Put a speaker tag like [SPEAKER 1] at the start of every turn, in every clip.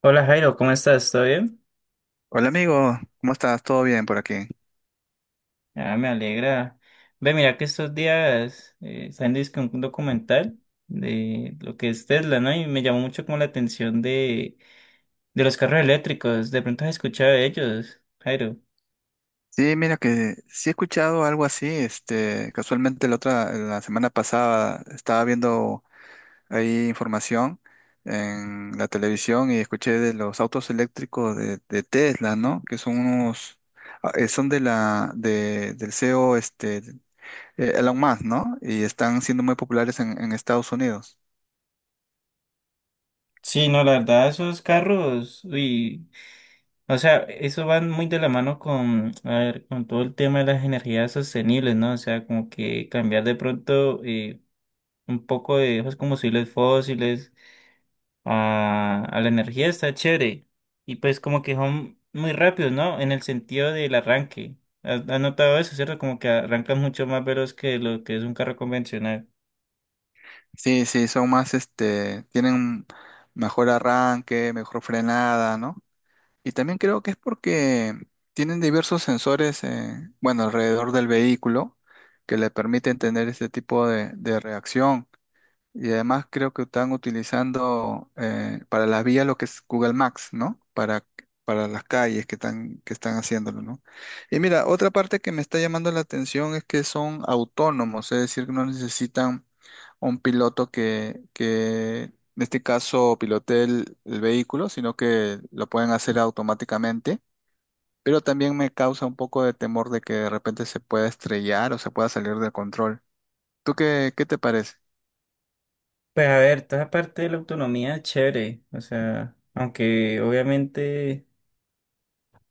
[SPEAKER 1] Hola Jairo, ¿cómo estás? ¿Todo bien?
[SPEAKER 2] Hola amigo, ¿cómo estás? ¿Todo bien por aquí?
[SPEAKER 1] Ah, me alegra. Ve, mira que estos días salió dizque un documental de lo que es Tesla, ¿no? Y me llamó mucho como la atención de los carros eléctricos. De pronto has escuchado de ellos, Jairo.
[SPEAKER 2] Sí, mira que sí he escuchado algo así, este, casualmente la semana pasada estaba viendo ahí información en la televisión y escuché de los autos eléctricos de Tesla, ¿no? Que son unos, son del CEO, Elon Musk, ¿no? Y están siendo muy populares en Estados Unidos.
[SPEAKER 1] Sí, no, la verdad, esos carros, uy, o sea, eso van muy de la mano con, a ver, con todo el tema de las energías sostenibles, ¿no? O sea, como que cambiar de pronto un poco de esos combustibles fósiles a la energía está chévere. Y pues como que son muy rápidos, ¿no? En el sentido del arranque. ¿Has notado eso, cierto? Como que arrancan mucho más veloz que lo que es un carro convencional.
[SPEAKER 2] Sí, sí, son más, este, tienen mejor arranque, mejor frenada, ¿no? Y también creo que es porque tienen diversos sensores, bueno, alrededor del vehículo que le permiten tener este tipo de reacción. Y además creo que están utilizando para las vías lo que es Google Maps, ¿no? Para las calles que están haciéndolo, ¿no? Y mira, otra parte que me está llamando la atención es que son autónomos, es decir, que no necesitan un piloto que en este caso pilotee el vehículo, sino que lo pueden hacer automáticamente. Pero también me causa un poco de temor de que de repente se pueda estrellar o se pueda salir de control. ¿Tú qué te parece?
[SPEAKER 1] Pues a ver, toda parte de la autonomía es chévere. O sea, aunque obviamente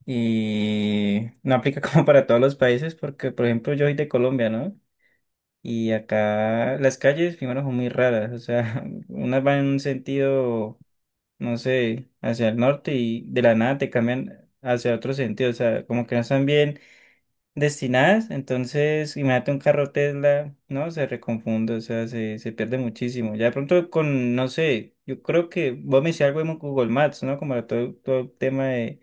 [SPEAKER 1] y no aplica como para todos los países, porque por ejemplo yo soy de Colombia, ¿no? Y acá las calles primero son muy raras. O sea, unas van en un sentido no sé, hacia el norte y de la nada te cambian hacia otro sentido, o sea, como que no están bien destinadas, entonces imagínate un carro Tesla, ¿no? Se reconfunde, o sea, se pierde muchísimo. Ya de pronto con, no sé, yo creo que vos me decías algo en Google Maps, ¿no? Como todo, todo el tema de,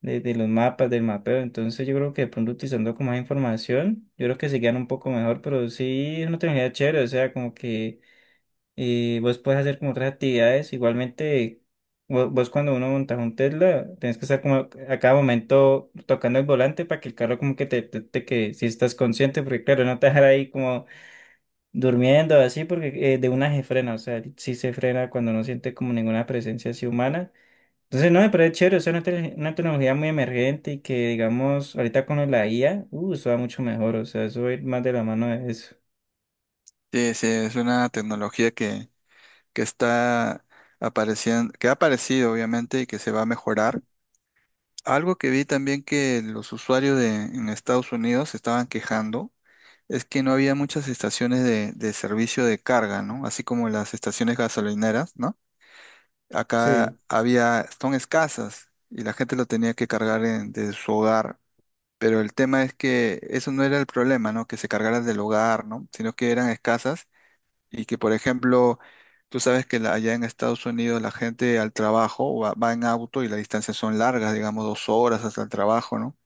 [SPEAKER 1] de, de los mapas, del mapeo, entonces yo creo que de pronto utilizando como más información, yo creo que se quedan un poco mejor, pero sí es una tecnología chévere, o sea, como que y vos puedes hacer como otras actividades. Igualmente, vos, cuando uno monta un Tesla, tenés que estar como a cada momento tocando el volante para que el carro como que te que si estás consciente, porque claro, no te dejar ahí como durmiendo así, porque de una se frena, o sea, sí se frena cuando no siente como ninguna presencia así humana. Entonces, no, pero es chévere, o sea, una, una tecnología muy emergente y que, digamos, ahorita con la IA, eso va mucho mejor, o sea, eso va a ir más de la mano de eso.
[SPEAKER 2] Sí, sí, es una tecnología que está apareciendo, que ha aparecido obviamente y que se va a mejorar. Algo que vi también que los usuarios en Estados Unidos se estaban quejando es que no había muchas estaciones de servicio de carga, ¿no? Así como las estaciones gasolineras, ¿no? Acá
[SPEAKER 1] Sí.
[SPEAKER 2] había, son escasas y la gente lo tenía que desde su hogar. Pero el tema es que eso no era el problema, ¿no? Que se cargaran del hogar, ¿no? Sino que eran escasas y que, por ejemplo, tú sabes allá en Estados Unidos la gente al trabajo va en auto y las distancias son largas, digamos dos horas hasta el trabajo, ¿no?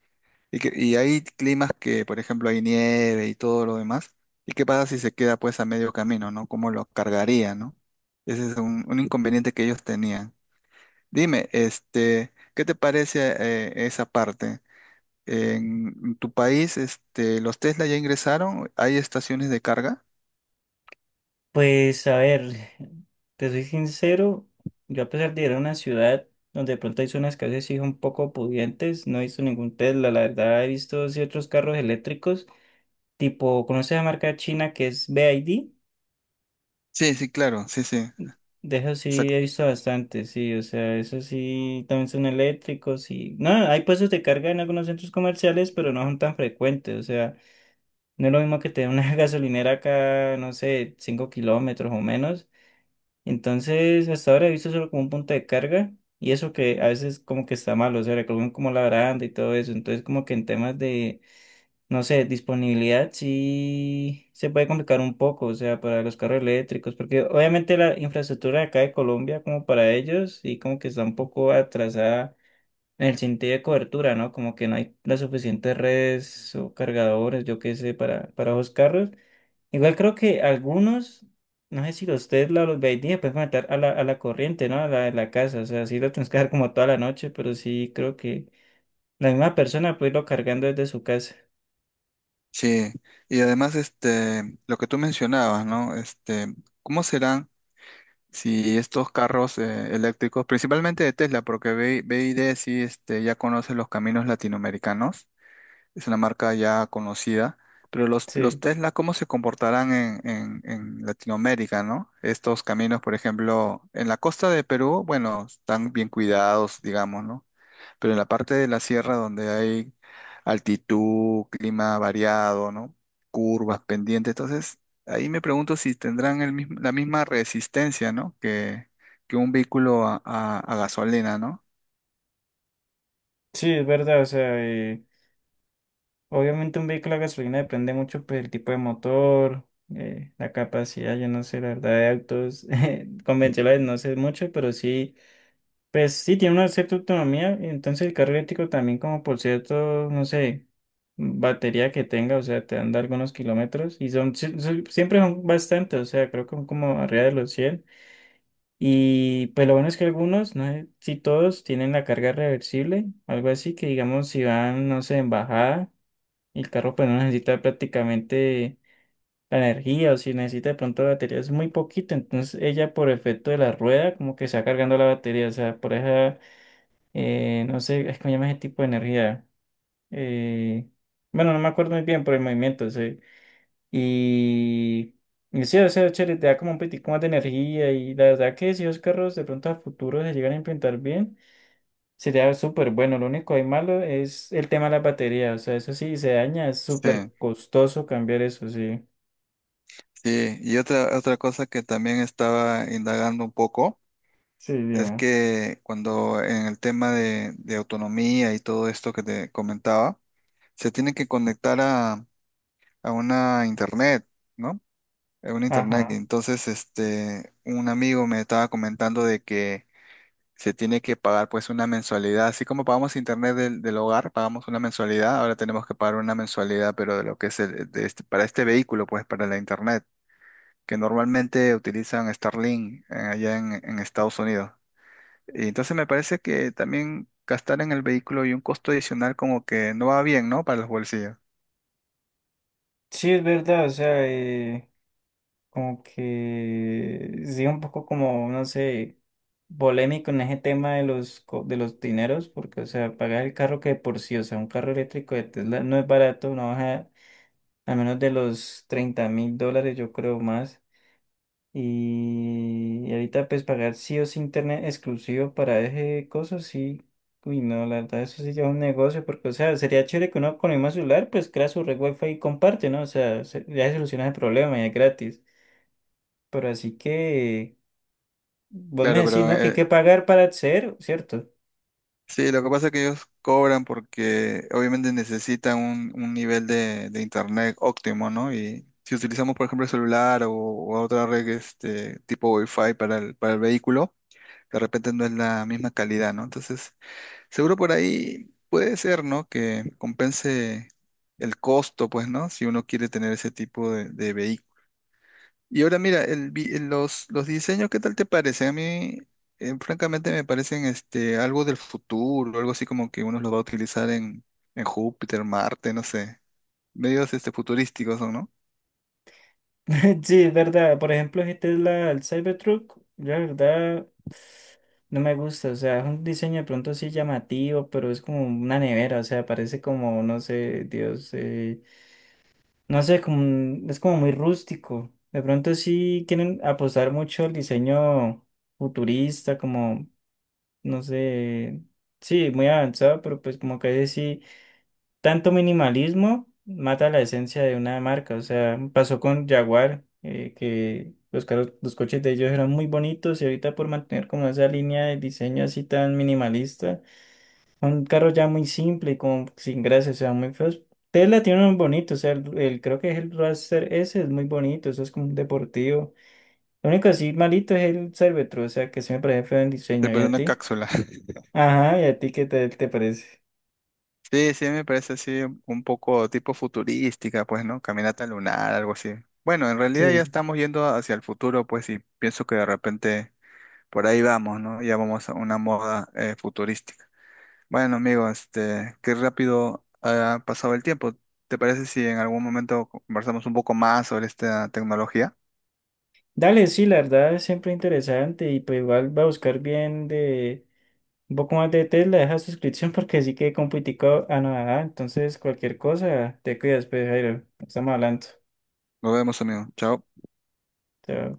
[SPEAKER 2] Y hay climas que, por ejemplo, hay nieve y todo lo demás. ¿Y qué pasa si se queda pues a medio camino, ¿no? ¿Cómo lo cargaría, ¿no? Ese es un inconveniente que ellos tenían. Dime, este, ¿qué te parece esa parte? En tu país, este, ¿los Tesla ya ingresaron? ¿Hay estaciones de carga?
[SPEAKER 1] Pues a ver, te soy sincero, yo a pesar de ir a una ciudad donde de pronto hay zonas que a veces sí son un poco pudientes, no he visto ningún Tesla, la verdad he visto ciertos carros eléctricos, tipo, ¿conoces la marca china que es BYD?
[SPEAKER 2] Sí, sí, claro, sí, sí.
[SPEAKER 1] De eso sí he visto bastante, sí, o sea, eso sí también son eléctricos y... No, hay puestos de carga en algunos centros comerciales, pero no son tan frecuentes, o sea, no es lo mismo que tener una gasolinera acá, no sé, 5 kilómetros o menos. Entonces, hasta ahora he visto solo como un punto de carga y eso que a veces como que está malo, o sea, recogen como la baranda y todo eso. Entonces, como que en temas de, no sé, disponibilidad sí se puede complicar un poco, o sea, para los carros eléctricos, porque obviamente la infraestructura de acá de Colombia como para ellos sí como que está un poco atrasada en el sentido de cobertura, ¿no? Como que no hay las suficientes redes o cargadores, yo qué sé, para esos carros. Igual creo que algunos, no sé si los Tesla o los BYD pueden conectar a la corriente, ¿no? A la de la casa. O sea, sí lo tienes que dejar como toda la noche, pero sí creo que la misma persona puede irlo cargando desde su casa.
[SPEAKER 2] Sí, y además este, lo que tú mencionabas, ¿no? Este, ¿cómo serán si estos carros eléctricos, principalmente de Tesla, porque BYD sí este, ya conoce los caminos latinoamericanos, es una marca ya conocida, pero los
[SPEAKER 1] Sí,
[SPEAKER 2] Tesla, ¿cómo se comportarán en, en Latinoamérica, ¿no? Estos caminos, por ejemplo, en la costa de Perú, bueno, están bien cuidados, digamos, ¿no? Pero en la parte de la sierra donde hay altitud, clima variado, ¿no? Curvas, pendientes, entonces ahí me pregunto si tendrán la misma resistencia, ¿no? Que un vehículo a gasolina, ¿no?
[SPEAKER 1] sí, es verdad. O sea, obviamente un vehículo a gasolina depende mucho, pues, del tipo de motor, la capacidad, yo no sé, la verdad, de autos convencionales no sé mucho, pero sí. Pues sí, tiene una cierta autonomía, entonces el carro eléctrico también como por cierto, no sé, batería que tenga, o sea, te anda algunos kilómetros y son, siempre son bastantes, o sea, creo que son como arriba de los 100. Y pues lo bueno es que algunos, no sé si todos, tienen la carga reversible, algo así que digamos si van, no sé, en bajada, y el carro pues no necesita prácticamente la energía o si necesita de pronto batería es muy poquito, entonces ella por efecto de la rueda como que está cargando la batería, o sea, por eso no sé, es que me llama ese tipo de energía. Eh, bueno, no me acuerdo muy bien por el movimiento. Sí. Y, y sí, o sea, chévere, te da como un poquitico más de energía. Y la verdad que si los carros de pronto a futuro se llegan a implementar bien, sería súper bueno. Lo único ahí malo es el tema de la batería. O sea, eso sí, se daña, es
[SPEAKER 2] Sí,
[SPEAKER 1] súper costoso cambiar eso, sí.
[SPEAKER 2] sí. Y otra, otra cosa que también estaba indagando un poco
[SPEAKER 1] Sí,
[SPEAKER 2] es
[SPEAKER 1] dime.
[SPEAKER 2] que cuando en el tema de autonomía y todo esto que te comentaba, se tiene que conectar a una internet, ¿no? En un internet. Y
[SPEAKER 1] Ajá.
[SPEAKER 2] entonces, este, un amigo me estaba comentando de que se tiene que pagar pues una mensualidad. Así como pagamos internet del hogar, pagamos una mensualidad, ahora tenemos que pagar una mensualidad, pero de lo que es para este vehículo, pues para la internet, que normalmente utilizan Starlink allá en Estados Unidos. Y entonces me parece que también gastar en el vehículo y un costo adicional como que no va bien, ¿no? Para los bolsillos.
[SPEAKER 1] Sí, es verdad, o sea, como que sí, un poco como, no sé, polémico en ese tema de los, de los dineros, porque, o sea, pagar el carro que de por sí, o sea, un carro eléctrico de Tesla no es barato, no baja a menos de los $30.000, yo creo más. Y ahorita, pues, pagar sí o sí internet exclusivo para ese coso, sí. Uy, no, la verdad, eso sí ya es un negocio, porque, o sea, sería chévere que uno con el mismo celular, pues, crea su red wifi y comparte, ¿no? O sea, ya se soluciona el problema y es gratis. Pero así que vos me
[SPEAKER 2] Claro,
[SPEAKER 1] decís,
[SPEAKER 2] pero
[SPEAKER 1] ¿no? Que hay que pagar para acceder, ¿cierto?
[SPEAKER 2] sí, lo que pasa es que ellos cobran porque obviamente necesitan un nivel de internet óptimo, ¿no? Y si utilizamos, por ejemplo, el celular o otra red este, tipo Wi-Fi para para el vehículo, de repente no es la misma calidad, ¿no? Entonces, seguro por ahí puede ser, ¿no? Que compense el costo, pues, ¿no? Si uno quiere tener ese tipo de vehículos. Y ahora mira, los diseños, ¿qué tal te parecen? A mí, francamente, me parecen este, algo del futuro, algo así como que uno los va a utilizar en Júpiter, Marte, no sé. Medios este, futurísticos son, ¿no?
[SPEAKER 1] Sí, es verdad. Por ejemplo, esta es la el Cybertruck. La verdad, no me gusta. O sea, es un diseño de pronto sí llamativo, pero es como una nevera. O sea, parece como, no sé, Dios, no sé, como, es como muy rústico. De pronto sí quieren apostar mucho al diseño futurista, como, no sé, sí, muy avanzado, pero pues como que ahí sí. Tanto minimalismo mata la esencia de una marca. O sea, pasó con Jaguar, que los carros, los coches de ellos eran muy bonitos y ahorita por mantener como esa línea de diseño así tan minimalista, un carro ya muy simple y como sin gracia, o sea, muy feos. Tesla tiene unos bonitos, o sea, creo que es el Roadster S, es muy bonito, eso es como un deportivo. Lo único así malito es el Cervetro, o sea, que sí me parece feo en
[SPEAKER 2] Se
[SPEAKER 1] diseño. ¿Y
[SPEAKER 2] parece
[SPEAKER 1] a
[SPEAKER 2] una
[SPEAKER 1] ti?
[SPEAKER 2] cápsula.
[SPEAKER 1] Ajá, ¿y a ti qué te parece?
[SPEAKER 2] Sí, sí, me parece así un poco tipo futurística, pues, ¿no? Caminata lunar, algo así. Bueno, en realidad ya
[SPEAKER 1] Sí.
[SPEAKER 2] estamos yendo hacia el futuro, pues, y pienso que de repente por ahí vamos, ¿no? Ya vamos a una moda futurística. Bueno, amigo, este, qué rápido ha pasado el tiempo. ¿Te parece si en algún momento conversamos un poco más sobre esta tecnología?
[SPEAKER 1] Dale, sí, la verdad es siempre interesante y pues igual va a buscar bien de un poco más de Tesla, deja suscripción porque sí que compitico a nada, entonces cualquier cosa, te cuidas, pues Jairo, estamos hablando.
[SPEAKER 2] Nos vemos, amigo. Chao.
[SPEAKER 1] Chao.